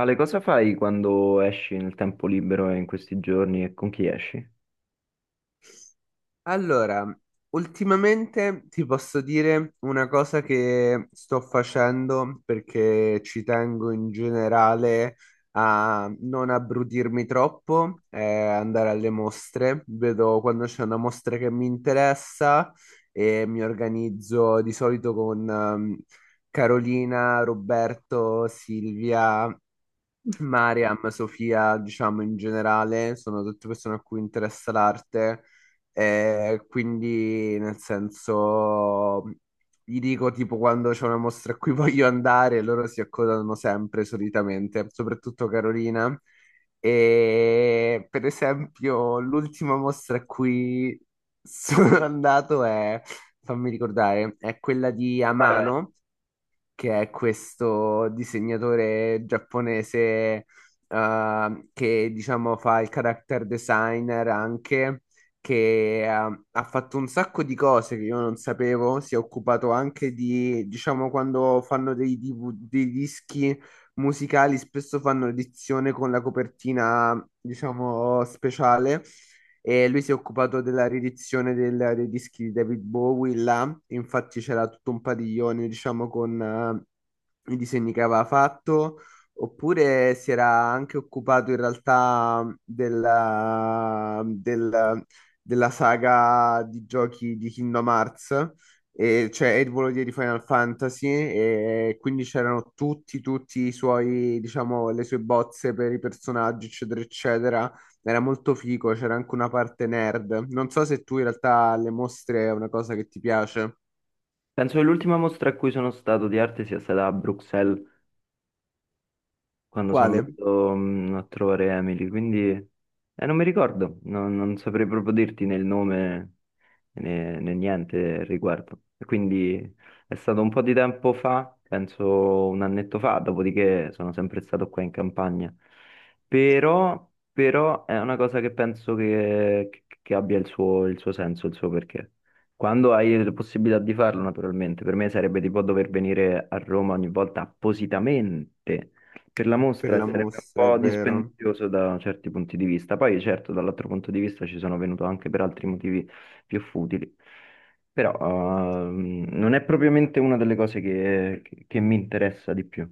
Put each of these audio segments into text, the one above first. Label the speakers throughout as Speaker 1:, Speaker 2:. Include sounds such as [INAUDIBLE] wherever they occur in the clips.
Speaker 1: Ale, cosa fai quando esci nel tempo libero e in questi giorni e con chi esci?
Speaker 2: Allora, ultimamente ti posso dire una cosa che sto facendo perché ci tengo in generale a non abbrudirmi troppo, è andare alle mostre. Vedo quando c'è una mostra che mi interessa e mi organizzo di solito con Carolina, Roberto, Silvia. Mariam, Sofia, diciamo in generale, sono tutte persone a cui interessa l'arte, quindi, nel senso, gli dico tipo quando c'è una mostra a cui [LAUGHS] voglio andare, loro si accodano sempre solitamente, soprattutto Carolina. E per esempio, l'ultima mostra a cui sono [LAUGHS] andato è, fammi ricordare, è quella di
Speaker 1: Vai, vai.
Speaker 2: Amano, che è questo disegnatore giapponese, che diciamo fa il character designer anche, che ha fatto un sacco di cose che io non sapevo, si è occupato anche di, diciamo, quando fanno DV dei dischi musicali, spesso fanno edizione con la copertina, diciamo, speciale, e lui si è occupato della riedizione dei dischi di David Bowie là. Infatti c'era tutto un padiglione, diciamo, con i disegni che aveva fatto, oppure si era anche occupato in realtà della saga di giochi di Kingdom Hearts. E cioè Ed Volodya di Final Fantasy, e quindi c'erano tutti i suoi, diciamo, le sue bozze per i personaggi, eccetera, eccetera. Era molto figo, c'era anche una parte nerd. Non so se tu in realtà alle mostre è una cosa che ti piace.
Speaker 1: Penso che l'ultima mostra a cui sono stato di arte sia stata a Bruxelles, quando sono
Speaker 2: Quale?
Speaker 1: andato a trovare Emily, quindi non mi ricordo, non saprei proprio dirti nel nome, né, né niente al riguardo. E quindi è stato un po' di tempo fa, penso un annetto fa, dopodiché sono sempre stato qua in campagna. Però è una cosa che penso che abbia il suo senso, il suo perché. Quando hai la possibilità di farlo, naturalmente, per me sarebbe tipo dover venire a Roma ogni volta appositamente per la
Speaker 2: Per
Speaker 1: mostra, e
Speaker 2: la
Speaker 1: sarebbe un
Speaker 2: mostra, è
Speaker 1: po'
Speaker 2: vero.
Speaker 1: dispendioso da certi punti di vista. Poi, certo, dall'altro punto di vista ci sono venuto anche per altri motivi più futili. Però non è propriamente una delle cose che mi interessa di più.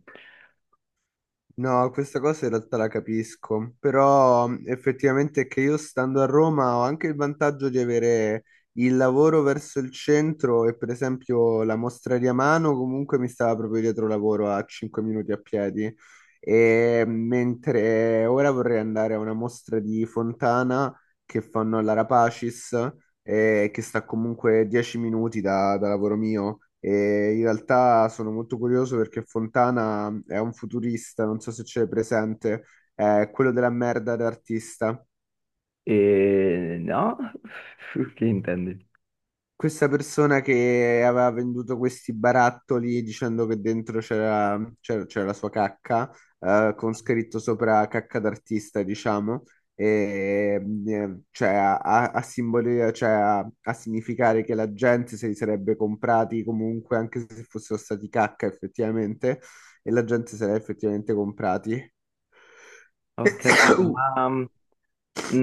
Speaker 2: No, questa cosa in realtà la capisco, però effettivamente è che io stando a Roma ho anche il vantaggio di avere il lavoro verso il centro, e per esempio la mostra di Amano comunque mi stava proprio dietro lavoro a 5 minuti a piedi, e mentre ora vorrei andare a una mostra di Fontana che fanno alla Rapacis, che sta comunque 10 minuti da lavoro mio. E in realtà sono molto curioso perché Fontana è un futurista, non so se c'è presente, è quello della merda d'artista.
Speaker 1: E no? [LAUGHS] Che intendi?
Speaker 2: Questa persona che aveva venduto questi barattoli dicendo che dentro c'era la sua cacca, con scritto sopra cacca d'artista, diciamo, e, cioè, cioè, a significare che la gente se li sarebbe comprati comunque, anche se fossero stati cacca effettivamente, e la gente se li ha effettivamente comprati.
Speaker 1: Ho capito,
Speaker 2: [COUGHS]
Speaker 1: ma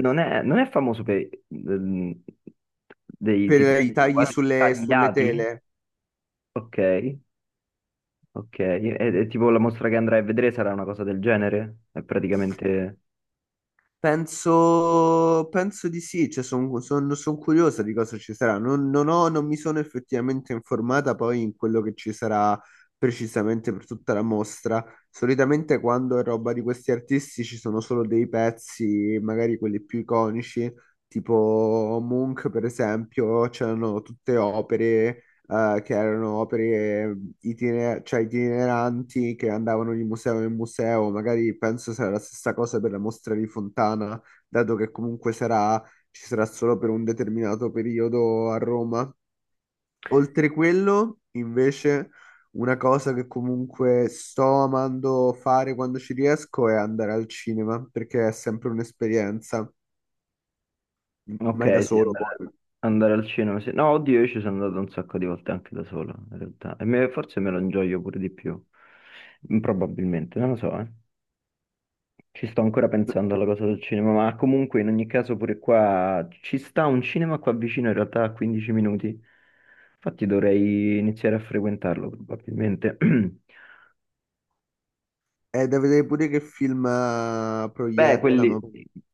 Speaker 1: non è, non è famoso per mm, dei
Speaker 2: Per
Speaker 1: tipo
Speaker 2: i tagli
Speaker 1: quasi
Speaker 2: sulle
Speaker 1: tagliati?
Speaker 2: tele.
Speaker 1: Ok, ok. E tipo la mostra che andrai a vedere sarà una cosa del genere? È praticamente.
Speaker 2: Penso di sì, cioè sono curiosa di cosa ci sarà. Non mi sono effettivamente informata poi in quello che ci sarà precisamente per tutta la mostra. Solitamente quando è roba di questi artisti ci sono solo dei pezzi, magari quelli più iconici, tipo Munch per esempio, c'erano tutte opere, che erano opere, eh, cioè itineranti, che andavano di museo in museo. Magari penso sarà la stessa cosa per la mostra di Fontana, dato che comunque ci sarà solo per un determinato periodo a Roma. Oltre quello, invece, una cosa che comunque sto amando fare quando ci riesco è andare al cinema, perché è sempre un'esperienza, mai da
Speaker 1: Ok, sì,
Speaker 2: solo
Speaker 1: andare,
Speaker 2: poi.
Speaker 1: andare al cinema. Sì. No, oddio, io ci sono andato un sacco di volte anche da solo, in realtà. E forse me lo ingioio pure di più. Mm, probabilmente, non lo so, eh. Ci sto ancora pensando alla cosa del cinema, ma comunque in ogni caso pure qua ci sta un cinema qua vicino, in realtà a 15 minuti. Infatti dovrei iniziare a frequentarlo, probabilmente. [CLEARS THROAT]
Speaker 2: È da vedere pure che film
Speaker 1: Beh, eh, quelli,
Speaker 2: proiettano.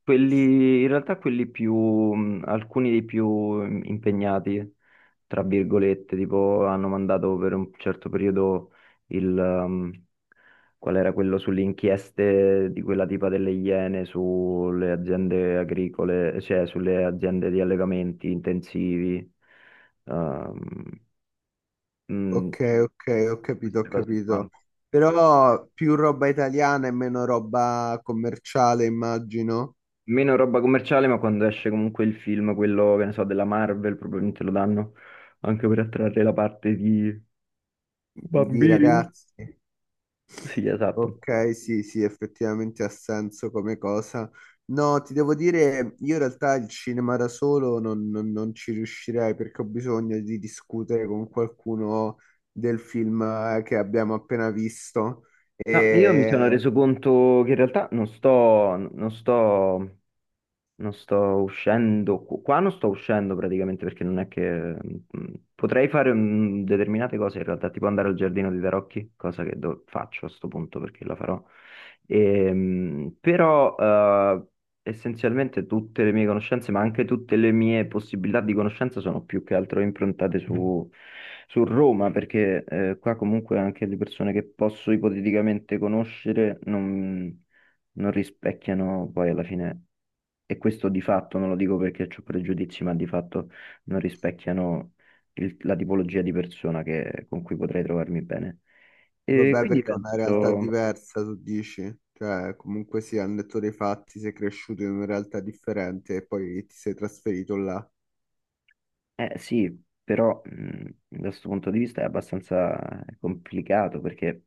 Speaker 1: in realtà alcuni dei più impegnati, tra virgolette, tipo hanno mandato per un certo periodo il, um, qual era quello sulle inchieste di quella tipa delle Iene sulle aziende agricole, cioè sulle aziende di allegamenti intensivi, um, mh,
Speaker 2: Ok, ok, ho capito, ho
Speaker 1: queste cose qua.
Speaker 2: capito. Però più roba italiana e meno roba commerciale, immagino,
Speaker 1: Meno roba commerciale, ma quando esce comunque il film, quello che ne so, della Marvel, probabilmente lo danno anche per attrarre la parte di
Speaker 2: di
Speaker 1: bambini.
Speaker 2: ragazzi.
Speaker 1: Sì, esatto.
Speaker 2: Ok, sì, sì, effettivamente ha senso come cosa. No, ti devo dire, io in realtà il cinema da solo non ci riuscirei, perché ho bisogno di discutere con qualcuno del film, che abbiamo appena visto.
Speaker 1: No, io mi sono reso conto che in realtà non sto uscendo, qua non sto uscendo praticamente perché non è che... mm, potrei fare determinate cose in realtà, tipo andare al giardino di Tarocchi, cosa che faccio a sto punto perché la farò. Però essenzialmente tutte le mie conoscenze, ma anche tutte le mie possibilità di conoscenza sono più che altro improntate su Roma, perché qua comunque anche le persone che posso ipoteticamente conoscere non rispecchiano poi alla fine, e questo di fatto, non lo dico perché ho pregiudizi, ma di fatto non rispecchiano la tipologia di persona con cui potrei trovarmi bene. E questo
Speaker 2: Vabbè,
Speaker 1: quindi
Speaker 2: perché è una realtà
Speaker 1: penso,
Speaker 2: diversa, tu dici? Cioè, comunque sì, hanno detto dei fatti, sei cresciuto in una realtà differente e poi ti sei trasferito là.
Speaker 1: eh sì, però da questo punto di vista è abbastanza complicato perché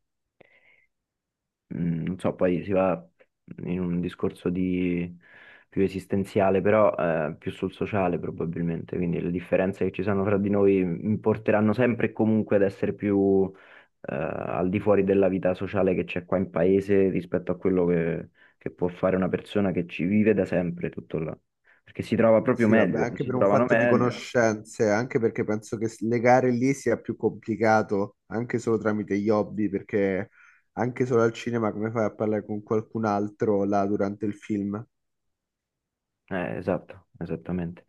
Speaker 1: mm, non so, poi si va in un discorso di più esistenziale, però più sul sociale probabilmente, quindi le differenze che ci sono fra di noi mi porteranno sempre e comunque ad essere più al di fuori della vita sociale che c'è qua in paese rispetto a quello che può fare una persona che ci vive da sempre tutto là, perché si trova proprio
Speaker 2: Sì, vabbè,
Speaker 1: meglio,
Speaker 2: anche
Speaker 1: si
Speaker 2: per un
Speaker 1: trovano
Speaker 2: fatto di
Speaker 1: meglio.
Speaker 2: conoscenze, anche perché penso che legare lì sia più complicato, anche solo tramite gli hobby, perché anche solo al cinema come fai a parlare con qualcun altro là durante il film?
Speaker 1: Esatto, esattamente.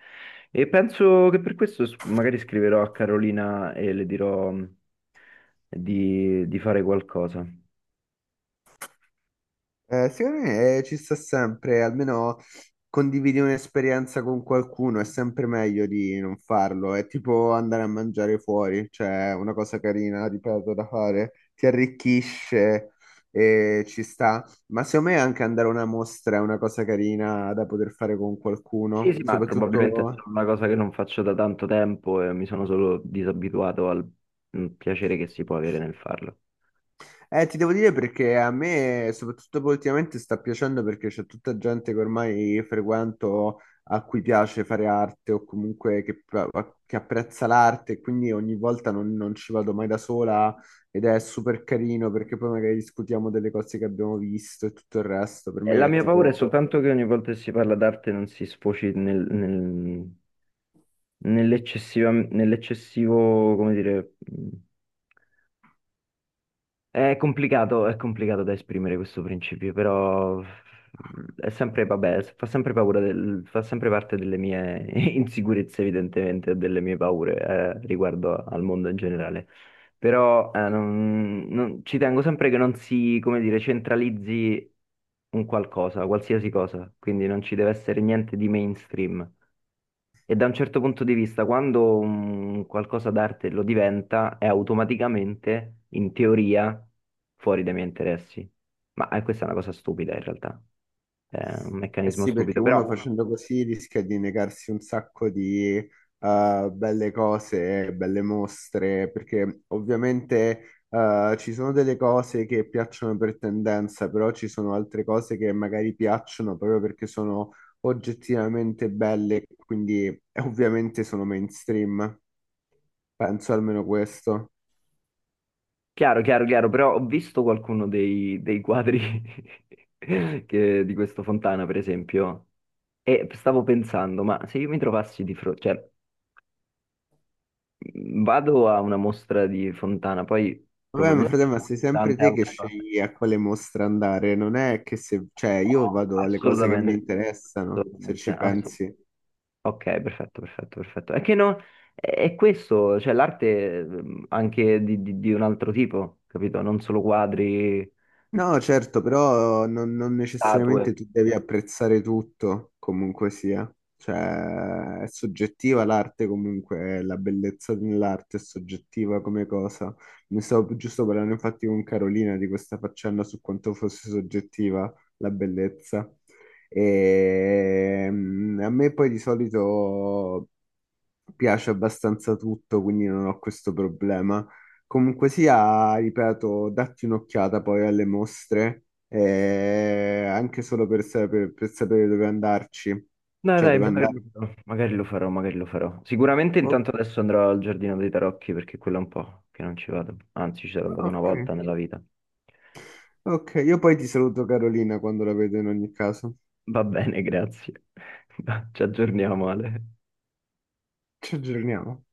Speaker 1: E penso che per questo magari scriverò a Carolina e le dirò di fare qualcosa.
Speaker 2: Secondo me, ci sta sempre, almeno condividi un'esperienza con qualcuno, è sempre meglio di non farlo, è tipo andare a mangiare fuori, cioè è una cosa carina, ripeto, da fare, ti arricchisce e ci sta, ma secondo me anche andare a una mostra è una cosa carina da poter fare con
Speaker 1: Sì,
Speaker 2: qualcuno,
Speaker 1: sì, ma probabilmente è
Speaker 2: soprattutto.
Speaker 1: solo una cosa che non faccio da tanto tempo e mi sono solo disabituato al piacere che si può avere nel farlo.
Speaker 2: Ti devo dire perché a me, soprattutto poi ultimamente, sta piacendo perché c'è tutta gente che ormai frequento a cui piace fare arte o comunque che apprezza l'arte, e quindi ogni volta non ci vado mai da sola, ed è super carino perché poi magari discutiamo delle cose che abbiamo visto e tutto il resto. Per
Speaker 1: E la
Speaker 2: me è
Speaker 1: mia paura è
Speaker 2: tipo.
Speaker 1: soltanto che ogni volta che si parla d'arte non si sfoci nell'eccessivo, come dire, mm, è complicato, è complicato da esprimere questo principio, però è sempre, vabbè, fa sempre paura fa sempre parte delle mie [LAUGHS] insicurezze, evidentemente, e delle mie paure, riguardo al mondo in generale. Però, ci tengo sempre che non si, come dire, centralizzi un qualcosa, qualsiasi cosa, quindi non ci deve essere niente di mainstream. E da un certo punto di vista, quando un qualcosa d'arte lo diventa, è automaticamente, in teoria, fuori dai miei interessi. Ma questa è una cosa stupida in realtà, è un
Speaker 2: Eh
Speaker 1: meccanismo
Speaker 2: sì, perché
Speaker 1: stupido. Però,
Speaker 2: uno facendo così rischia di negarsi un sacco di belle cose, belle mostre, perché ovviamente ci sono delle cose che piacciono per tendenza, però ci sono altre cose che magari piacciono proprio perché sono oggettivamente belle, quindi ovviamente sono mainstream. Penso almeno questo.
Speaker 1: chiaro, chiaro, chiaro, però ho visto qualcuno dei, dei quadri [LAUGHS] di questo Fontana, per esempio, e stavo pensando, ma se io mi trovassi di fronte, cioè, vado a una mostra di Fontana, poi mm,
Speaker 2: Vabbè, ma
Speaker 1: probabilmente
Speaker 2: frate,
Speaker 1: ci
Speaker 2: ma
Speaker 1: sono
Speaker 2: sei sempre
Speaker 1: tante
Speaker 2: te che
Speaker 1: altre cose.
Speaker 2: scegli a quale mostra andare, non è che se, cioè, io
Speaker 1: No,
Speaker 2: vado alle cose che mi
Speaker 1: assolutamente.
Speaker 2: interessano, se
Speaker 1: Assolutamente,
Speaker 2: ci pensi.
Speaker 1: ok, perfetto, perfetto, perfetto. È che no, è questo, cioè l'arte anche di, di un altro tipo, capito? Non solo quadri,
Speaker 2: No, certo, però non
Speaker 1: statue.
Speaker 2: necessariamente tu devi apprezzare tutto, comunque sia. Cioè, è soggettiva l'arte comunque, la bellezza dell'arte è soggettiva come cosa. Ne stavo giusto parlando infatti con Carolina di questa faccenda su quanto fosse soggettiva la bellezza. E a me poi di solito piace abbastanza tutto, quindi non ho questo problema. Comunque sia, ripeto, datti un'occhiata poi alle mostre, anche solo per sapere dove andarci,
Speaker 1: Dai,
Speaker 2: cioè
Speaker 1: dai,
Speaker 2: dove
Speaker 1: magari lo
Speaker 2: andare.
Speaker 1: farò, magari lo farò, magari lo farò. Sicuramente
Speaker 2: O-
Speaker 1: intanto adesso andrò al Giardino dei Tarocchi perché quello è un po' che non ci vado. Anzi, ci sono andato una
Speaker 2: ok,
Speaker 1: volta nella vita.
Speaker 2: ok, io poi ti saluto Carolina quando la vedo in ogni caso.
Speaker 1: Va bene, grazie. [LAUGHS] Ci aggiorniamo, Ale.
Speaker 2: Ci aggiorniamo.